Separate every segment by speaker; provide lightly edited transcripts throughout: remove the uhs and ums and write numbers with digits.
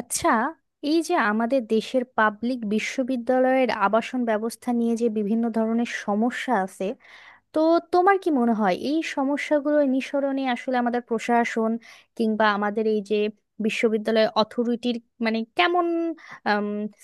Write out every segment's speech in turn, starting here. Speaker 1: আচ্ছা, এই যে আমাদের দেশের পাবলিক বিশ্ববিদ্যালয়ের আবাসন ব্যবস্থা নিয়ে যে বিভিন্ন ধরনের সমস্যা আছে, তো তোমার কি মনে হয় এই সমস্যাগুলো নিঃসরণে আসলে আমাদের প্রশাসন কিংবা আমাদের এই যে বিশ্ববিদ্যালয় অথরিটির মানে কেমন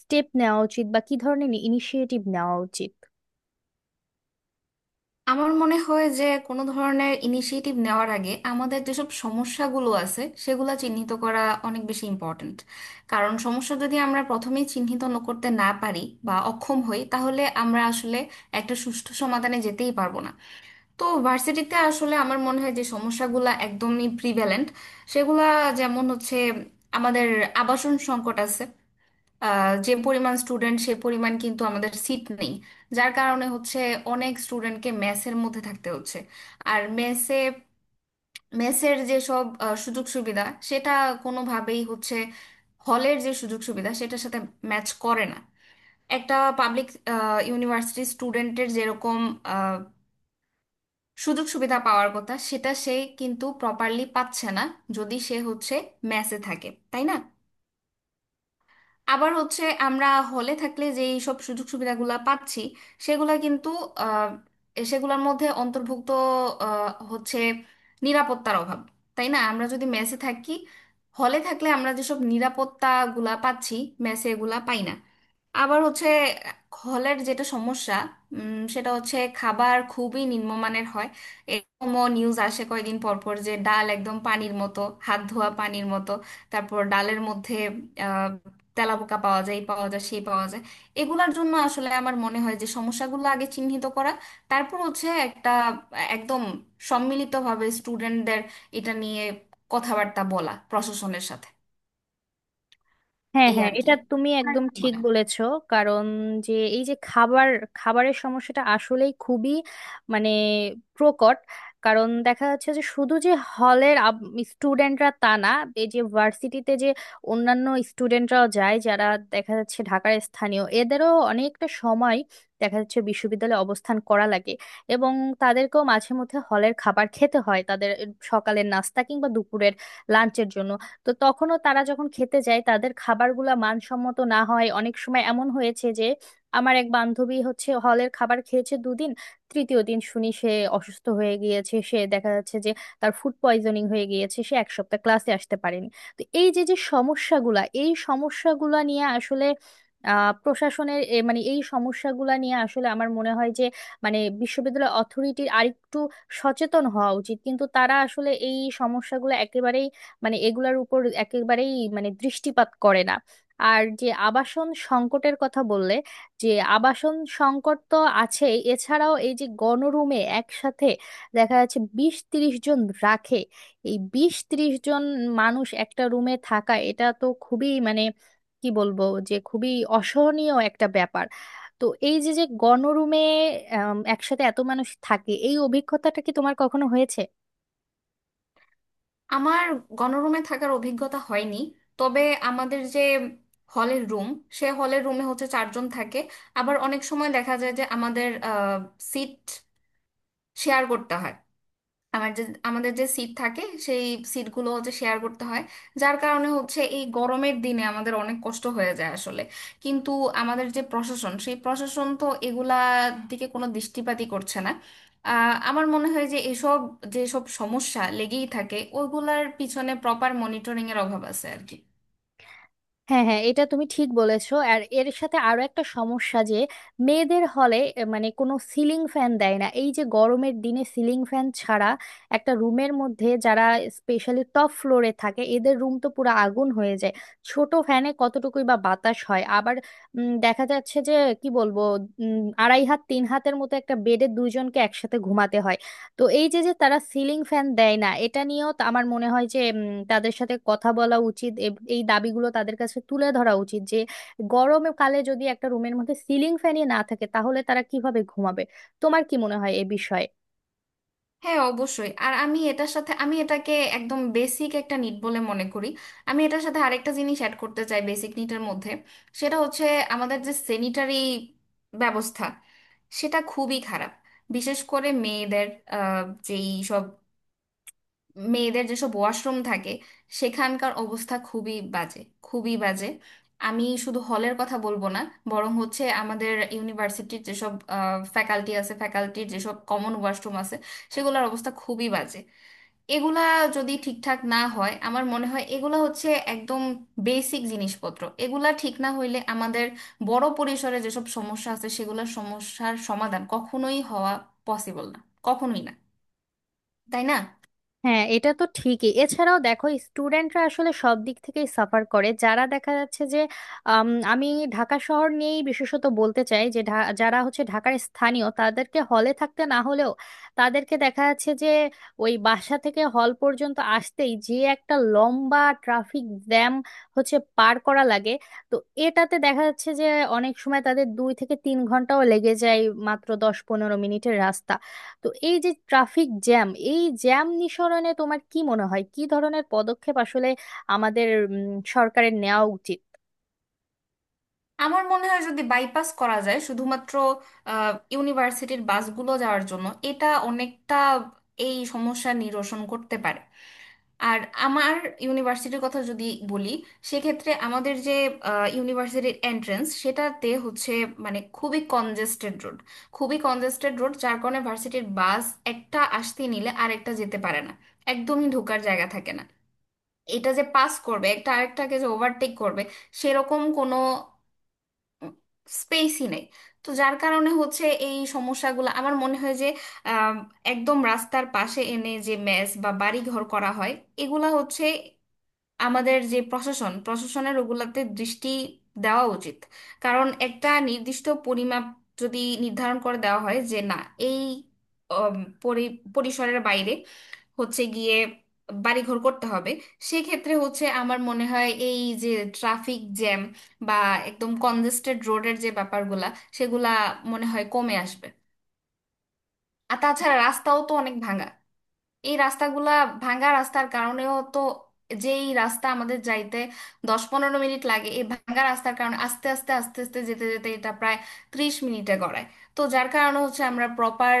Speaker 1: স্টেপ নেওয়া উচিত বা কি ধরনের ইনিশিয়েটিভ নেওয়া উচিত?
Speaker 2: আমার মনে হয় যে কোনো ধরনের ইনিশিয়েটিভ নেওয়ার আগে আমাদের যেসব সমস্যাগুলো আছে সেগুলো চিহ্নিত করা অনেক বেশি ইম্পর্ট্যান্ট। কারণ সমস্যা যদি আমরা প্রথমেই চিহ্নিত করতে না পারি বা অক্ষম হই, তাহলে আমরা আসলে একটা সুষ্ঠু সমাধানে যেতেই পারবো না। তো ভার্সিটিতে আসলে আমার মনে হয় যে সমস্যাগুলো একদমই প্রিভ্যালেন্ট, সেগুলা যেমন হচ্ছে আমাদের আবাসন সংকট আছে। যে পরিমাণ স্টুডেন্ট সে পরিমাণ কিন্তু আমাদের সিট নেই, যার কারণে হচ্ছে অনেক স্টুডেন্টকে মেসের মধ্যে থাকতে হচ্ছে। আর মেসে মেসের যেসব সুযোগ সুবিধা, সেটা কোনোভাবেই হচ্ছে হলের যে সুযোগ সুবিধা সেটার সাথে ম্যাচ করে না। একটা পাবলিক ইউনিভার্সিটি স্টুডেন্টের যেরকম আহ, সুযোগ সুবিধা পাওয়ার কথা সেটা সে কিন্তু প্রপারলি পাচ্ছে না, যদি সে হচ্ছে মেসে থাকে, তাই না? আবার হচ্ছে আমরা হলে থাকলে যে এইসব সুযোগ সুবিধাগুলা পাচ্ছি, সেগুলা কিন্তু আহ, সেগুলোর মধ্যে অন্তর্ভুক্ত হচ্ছে নিরাপত্তার অভাব। তাই না, আমরা যদি মেসে থাকি, হলে থাকলে আমরা যেসব নিরাপত্তাগুলা পাচ্ছি মেসে এগুলা পাই না। আবার হচ্ছে হলের যেটা সমস্যা, সেটা হচ্ছে খাবার খুবই নিম্নমানের হয়। এরকমও নিউজ আসে কয়েকদিন পর পর যে ডাল একদম পানির মতো, হাত ধোয়া পানির মতো। তারপর ডালের মধ্যে আহ, তেলাপোকা পাওয়া যায়, এই পাওয়া যায় সেই পাওয়া যায়। এগুলার জন্য আসলে আমার মনে হয় যে সমস্যাগুলো আগে চিহ্নিত করা, তারপর হচ্ছে একটা একদম সম্মিলিতভাবে স্টুডেন্টদের এটা নিয়ে কথাবার্তা বলা প্রশাসনের সাথে।
Speaker 1: হ্যাঁ,
Speaker 2: এই
Speaker 1: হ্যাঁ,
Speaker 2: আর কি।
Speaker 1: এটা তুমি
Speaker 2: আর
Speaker 1: একদম
Speaker 2: কি
Speaker 1: ঠিক
Speaker 2: মনে হয়?
Speaker 1: বলেছো। কারণ যে এই যে খাবারের সমস্যাটা আসলেই খুবই মানে প্রকট। কারণ দেখা যাচ্ছে যে শুধু যে হলের স্টুডেন্টরা তা না, এই যে ভার্সিটিতে যে অন্যান্য স্টুডেন্টরাও যায় যারা দেখা যাচ্ছে ঢাকার স্থানীয়, এদেরও অনেকটা সময় দেখা যাচ্ছে বিশ্ববিদ্যালয়ে অবস্থান করা লাগে এবং তাদেরকেও মাঝে মধ্যে হলের খাবার খেতে হয়, তাদের সকালের নাস্তা কিংবা দুপুরের লাঞ্চের জন্য। তো তখনও তারা যখন খেতে যায় তাদের খাবারগুলা মানসম্মত না হয়। অনেক সময় এমন হয়েছে যে আমার এক বান্ধবী হচ্ছে হলের খাবার খেয়েছে দুদিন, তৃতীয় দিন শুনি সে অসুস্থ হয়ে গিয়েছে। সে দেখা যাচ্ছে যে তার ফুড পয়জনিং হয়ে গিয়েছে, সে এক সপ্তাহ ক্লাসে আসতে পারেনি। তো এই যে যে সমস্যাগুলা এই সমস্যাগুলা নিয়ে আসলে প্রশাসনের মানে এই সমস্যাগুলা নিয়ে আসলে আমার মনে হয় যে মানে বিশ্ববিদ্যালয় অথরিটির আরেকটু সচেতন হওয়া উচিত, কিন্তু তারা আসলে এই সমস্যাগুলো একেবারেই মানে এগুলার উপর একেবারেই মানে দৃষ্টিপাত করে না। আর যে আবাসন সংকটের কথা বললে, যে আবাসন সংকট তো আছেই, এছাড়াও এই যে গণরুমে একসাথে দেখা যাচ্ছে 20-30 জন রাখে। এই 20-30 জন মানুষ একটা রুমে থাকা, এটা তো খুবই মানে কি বলবো যে খুবই অসহনীয় একটা ব্যাপার। তো এই যে যে গণরুমে আম, একসাথে এত মানুষ থাকে, এই অভিজ্ঞতাটা কি তোমার কখনো হয়েছে?
Speaker 2: আমার গণরুমে থাকার অভিজ্ঞতা হয়নি। তবে আমাদের যে হলের রুম, সে হলের রুমে হচ্ছে 4 জন থাকে। আবার অনেক সময় দেখা যায় যে আমাদের সিট শেয়ার করতে হয়। আমার যে আমাদের যে সিট থাকে, সেই সিটগুলো হচ্ছে শেয়ার করতে হয়, যার কারণে হচ্ছে এই গরমের দিনে আমাদের অনেক কষ্ট হয়ে যায় আসলে। কিন্তু আমাদের যে প্রশাসন, সেই প্রশাসন তো এগুলার দিকে কোনো দৃষ্টিপাতই করছে না। আমার মনে হয় যে এসব যেসব সমস্যা লেগেই থাকে ওইগুলার পিছনে প্রপার মনিটরিং এর অভাব আছে আর কি।
Speaker 1: হ্যাঁ, হ্যাঁ, এটা তুমি ঠিক বলেছো। আর এর সাথে আরো একটা সমস্যা যে মেয়েদের হলে মানে কোনো সিলিং ফ্যান দেয় না। এই যে গরমের দিনে সিলিং ফ্যান ছাড়া একটা রুমের মধ্যে যারা স্পেশালি টপ ফ্লোরে থাকে, এদের রুম তো পুরো আগুন হয়ে যায়। ছোট ফ্যানে কতটুকুই বা বাতাস হয়। আবার দেখা যাচ্ছে যে কি বলবো, আড়াই হাত তিন হাতের মতো একটা বেডে দুইজনকে একসাথে ঘুমাতে হয়। তো এই যে যে তারা সিলিং ফ্যান দেয় না এটা নিয়েও আমার মনে হয় যে তাদের সাথে কথা বলা উচিত, এই দাবিগুলো তাদের কাছে তুলে ধরা উচিত যে গরমে কালে যদি একটা রুমের মধ্যে সিলিং ফ্যানই না থাকে তাহলে তারা কিভাবে ঘুমাবে। তোমার কি মনে হয় এ বিষয়ে?
Speaker 2: হ্যাঁ, অবশ্যই। আর আমি এটার সাথে আমি এটাকে একদম বেসিক একটা নিট বলে মনে করি। আমি এটার সাথে আরেকটা জিনিস অ্যাড করতে চাই বেসিক নিটের মধ্যে, সেটা হচ্ছে আমাদের যে স্যানিটারি ব্যবস্থা, সেটা খুবই খারাপ। বিশেষ করে মেয়েদের আহ, যেই সব মেয়েদের যেসব ওয়াশরুম থাকে, সেখানকার অবস্থা খুবই বাজে, খুবই বাজে। আমি শুধু হলের কথা বলবো না, বরং হচ্ছে আমাদের ইউনিভার্সিটির যেসব ফ্যাকাল্টি আছে ফ্যাকাল্টির যেসব কমন ওয়াশরুম আছে, সেগুলোর অবস্থা খুবই বাজে। এগুলা যদি ঠিকঠাক না হয়, আমার মনে হয় এগুলা হচ্ছে একদম বেসিক জিনিসপত্র। এগুলা ঠিক না হইলে আমাদের বড় পরিসরে যেসব সমস্যা আছে সেগুলোর সমস্যার সমাধান কখনোই হওয়া পসিবল না, কখনোই না, তাই না?
Speaker 1: হ্যাঁ, এটা তো ঠিকই। এছাড়াও দেখো স্টুডেন্টরা আসলে সব দিক থেকেই সাফার করে। যারা দেখা যাচ্ছে যে আম, আমি ঢাকা শহর নিয়েই বিশেষত বলতে চাই যে যারা হচ্ছে ঢাকার স্থানীয় তাদেরকে হলে থাকতে না হলেও তাদেরকে দেখা যাচ্ছে যে ওই বাসা থেকে হল পর্যন্ত আসতেই যে একটা লম্বা ট্রাফিক জ্যাম হচ্ছে পার করা লাগে। তো এটাতে দেখা যাচ্ছে যে অনেক সময় তাদের 2 থেকে 3 ঘন্টাও লেগে যায়, মাত্র 10-15 মিনিটের রাস্তা। তো এই যে ট্রাফিক জ্যাম, এই জ্যাম নিঃসরণে তোমার কি মনে হয় কি ধরনের পদক্ষেপ আসলে আমাদের সরকারের নেওয়া উচিত?
Speaker 2: আমার মনে হয় যদি বাইপাস করা যায় শুধুমাত্র ইউনিভার্সিটির বাসগুলো যাওয়ার জন্য, এটা অনেকটা এই সমস্যা নিরসন করতে পারে। আর আমার ইউনিভার্সিটির কথা যদি বলি, সেক্ষেত্রে আমাদের যে ইউনিভার্সিটির এন্ট্রেন্স, সেটাতে হচ্ছে মানে খুবই কনজেস্টেড রোড, খুবই কনজেস্টেড রোড, যার কারণে ভার্সিটির বাস একটা আসতে নিলে আরেকটা যেতে পারে না, একদমই ঢোকার জায়গা থাকে না। এটা যে পাস করবে, একটা আরেকটাকে যে ওভারটেক করবে, সেরকম কোনো স্পেসই নেই। তো যার কারণে হচ্ছে এই সমস্যাগুলো আমার মনে হয় যে আম, একদম রাস্তার পাশে এনে যে মেস বা বাড়ি ঘর করা হয়, এগুলা হচ্ছে আমাদের যে প্রশাসন, প্রশাসনের ওগুলাতে দৃষ্টি দেওয়া উচিত। কারণ একটা নির্দিষ্ট পরিমাপ যদি নির্ধারণ করে দেওয়া হয় যে না, এই অম, পরিসরের বাইরে হচ্ছে গিয়ে বাড়িঘর করতে হবে, সেক্ষেত্রে হচ্ছে আমার মনে হয় এই যে ট্রাফিক জ্যাম বা একদম কনজেস্টেড রোডের যে ব্যাপারগুলা, সেগুলা মনে হয় কমে আসবে। আর তাছাড়া রাস্তাও তো অনেক ভাঙা। এই রাস্তাগুলা, ভাঙা রাস্তার কারণেও তো যেই রাস্তা আমাদের যাইতে 10-15 মিনিট লাগে, এই ভাঙা রাস্তার কারণে আস্তে আস্তে আস্তে আস্তে যেতে যেতে এটা প্রায় 30 মিনিটে গড়ায়। তো যার কারণে হচ্ছে আমরা প্রপার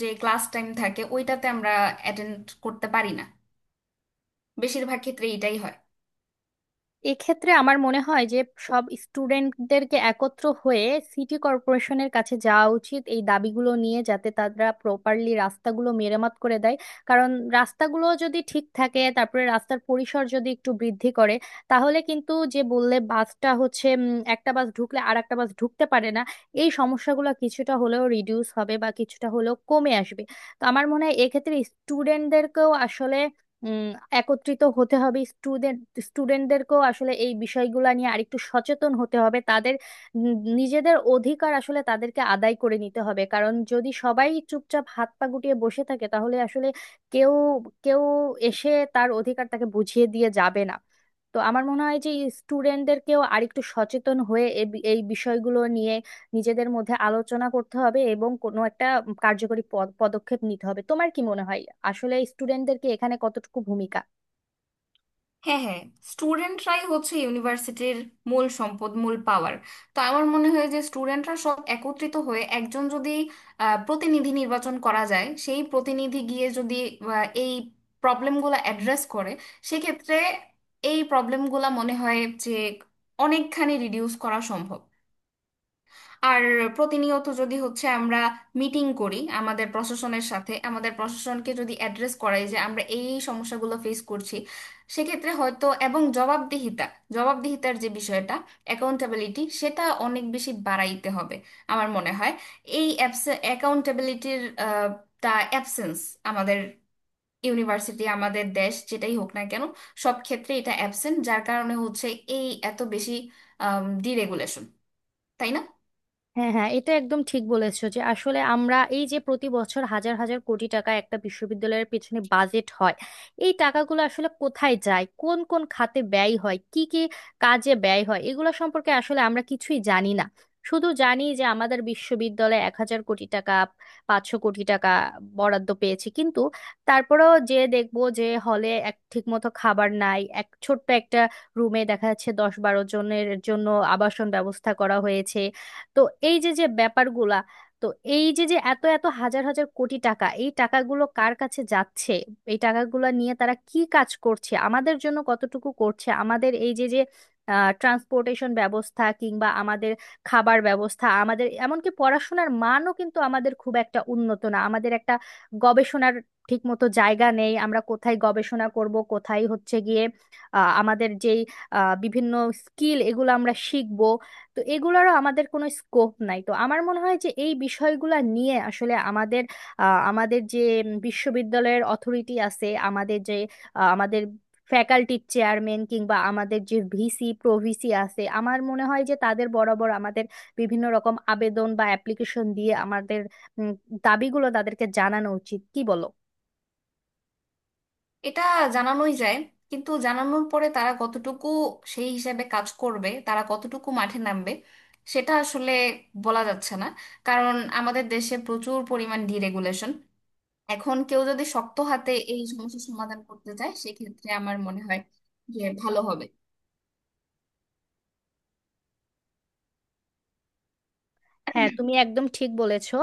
Speaker 2: যে ক্লাস টাইম থাকে ওইটাতে আমরা অ্যাটেন্ড করতে পারি না, বেশিরভাগ ক্ষেত্রে এটাই হয়।
Speaker 1: এক্ষেত্রে আমার মনে হয় যে সব স্টুডেন্টদেরকে একত্র হয়ে সিটি কর্পোরেশনের কাছে যাওয়া উচিত এই দাবিগুলো নিয়ে, যাতে তারা প্রপারলি রাস্তাগুলো মেরামত করে দেয়। কারণ রাস্তাগুলো যদি ঠিক থাকে, তারপরে রাস্তার পরিসর যদি একটু বৃদ্ধি করে, তাহলে কিন্তু যে বললে বাসটা হচ্ছে একটা বাস ঢুকলে আর একটা বাস ঢুকতে পারে না, এই সমস্যাগুলো কিছুটা হলেও রিডিউস হবে বা কিছুটা হলেও কমে আসবে। তো আমার মনে হয় এক্ষেত্রে স্টুডেন্টদেরকেও আসলে উম একত্রিত হতে হবে। স্টুডেন্টদেরকেও আসলে এই বিষয়গুলো নিয়ে আরেকটু সচেতন হতে হবে, তাদের নিজেদের অধিকার আসলে তাদেরকে আদায় করে নিতে হবে। কারণ যদি সবাই চুপচাপ হাত পা গুটিয়ে বসে থাকে তাহলে আসলে কেউ কেউ এসে তার অধিকার তাকে বুঝিয়ে দিয়ে যাবে না। তো আমার মনে হয় যে স্টুডেন্টদেরকেও আরেকটু সচেতন হয়ে এই বিষয়গুলো নিয়ে নিজেদের মধ্যে আলোচনা করতে হবে এবং কোনো একটা কার্যকরী পদক্ষেপ নিতে হবে। তোমার কি মনে হয় আসলে স্টুডেন্টদের কি এখানে কতটুকু ভূমিকা?
Speaker 2: হ্যাঁ, হ্যাঁ, স্টুডেন্টরাই হচ্ছে ইউনিভার্সিটির মূল সম্পদ, মূল পাওয়ার। তো আমার মনে হয় যে স্টুডেন্টরা সব একত্রিত হয়ে একজন যদি প্রতিনিধি নির্বাচন করা যায়, সেই প্রতিনিধি গিয়ে যদি এই প্রবলেমগুলো অ্যাড্রেস করে, সেক্ষেত্রে এই প্রবলেমগুলো মনে হয় যে অনেকখানি রিডিউস করা সম্ভব। আর প্রতিনিয়ত যদি হচ্ছে আমরা মিটিং করি আমাদের প্রশাসনের সাথে, আমাদের প্রশাসনকে যদি অ্যাড্রেস করাই যে আমরা এই এই সমস্যাগুলো ফেস করছি, সেক্ষেত্রে হয়তো। এবং জবাবদিহিতা, জবাবদিহিতার যে বিষয়টা, অ্যাকাউন্টেবিলিটি, সেটা অনেক বেশি বাড়াইতে হবে। আমার মনে হয় এই অ্যাকাউন্টেবিলিটির তা অ্যাবসেন্স আমাদের ইউনিভার্সিটি, আমাদের দেশ যেটাই হোক না কেন, সব ক্ষেত্রে এটা অ্যাবসেন্ট, যার কারণে হচ্ছে এই এত বেশি ডিরেগুলেশন, তাই না?
Speaker 1: হ্যাঁ, হ্যাঁ, এটা একদম ঠিক বলেছো যে আসলে আমরা এই যে প্রতি বছর হাজার হাজার কোটি টাকা একটা বিশ্ববিদ্যালয়ের পেছনে বাজেট হয়। এই টাকাগুলো আসলে কোথায় যায়, কোন কোন খাতে ব্যয় হয়, কি কি কাজে ব্যয় হয়, এগুলো সম্পর্কে আসলে আমরা কিছুই জানি না। শুধু জানি যে আমাদের বিশ্ববিদ্যালয়ে 1,000 কোটি টাকা, 500 কোটি টাকা বরাদ্দ পেয়েছে, কিন্তু তারপরেও যে দেখবো যে হলে এক ঠিকমতো খাবার নাই, এক ছোট্ট একটা রুমে দেখা যাচ্ছে 10-12 জনের জন্য আবাসন ব্যবস্থা করা হয়েছে। তো এই যে যে ব্যাপারগুলা, তো এই যে যে এত এত হাজার হাজার কোটি টাকা, এই টাকাগুলো কার কাছে যাচ্ছে, এই টাকাগুলো নিয়ে তারা কি কাজ করছে, আমাদের জন্য কতটুকু করছে? আমাদের এই যে যে ট্রান্সপোর্টেশন ব্যবস্থা কিংবা আমাদের খাবার ব্যবস্থা, আমাদের এমনকি পড়াশোনার মানও কিন্তু আমাদের খুব একটা উন্নত না। আমাদের একটা গবেষণার ঠিক মতো জায়গা নেই, আমরা কোথায় গবেষণা করব, কোথায় হচ্ছে গিয়ে আমাদের যেই বিভিন্ন স্কিল এগুলো আমরা শিখব। তো এগুলোরও আমাদের কোনো স্কোপ নাই। তো আমার মনে হয় যে এই বিষয়গুলো নিয়ে আসলে আমাদের আমাদের যে বিশ্ববিদ্যালয়ের অথরিটি আছে, আমাদের যে আমাদের ফ্যাকাল্টির চেয়ারম্যান কিংবা আমাদের যে ভিসি প্রভিসি আছে, আমার মনে হয় যে তাদের বরাবর আমাদের বিভিন্ন রকম আবেদন বা অ্যাপ্লিকেশন দিয়ে আমাদের উম, দাবিগুলো তাদেরকে জানানো উচিত। কি বলো?
Speaker 2: এটা জানানোই যায়, কিন্তু জানানোর পরে তারা কতটুকু সেই হিসাবে কাজ করবে, তারা কতটুকু মাঠে নামবে, সেটা আসলে বলা যাচ্ছে না। কারণ আমাদের দেশে প্রচুর পরিমাণ ডিরেগুলেশন। এখন কেউ যদি শক্ত হাতে এই সমস্যার সমাধান করতে চায়, সেক্ষেত্রে আমার মনে হয় যে ভালো হবে।
Speaker 1: হ্যাঁ, তুমি একদম ঠিক বলেছো।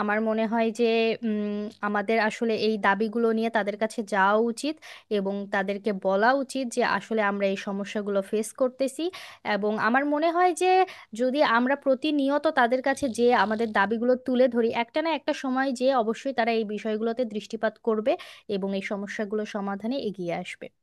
Speaker 1: আমার মনে হয় যে উম, আমাদের আসলে এই দাবিগুলো নিয়ে তাদের কাছে যাওয়া উচিত এবং তাদেরকে বলা উচিত যে আসলে আমরা এই সমস্যাগুলো ফেস করতেছি, এবং আমার মনে হয় যে যদি আমরা প্রতিনিয়ত তাদের কাছে যে আমাদের দাবিগুলো তুলে ধরি, একটা না একটা সময় যে অবশ্যই তারা এই বিষয়গুলোতে দৃষ্টিপাত করবে এবং এই সমস্যাগুলো সমাধানে এগিয়ে আসবে।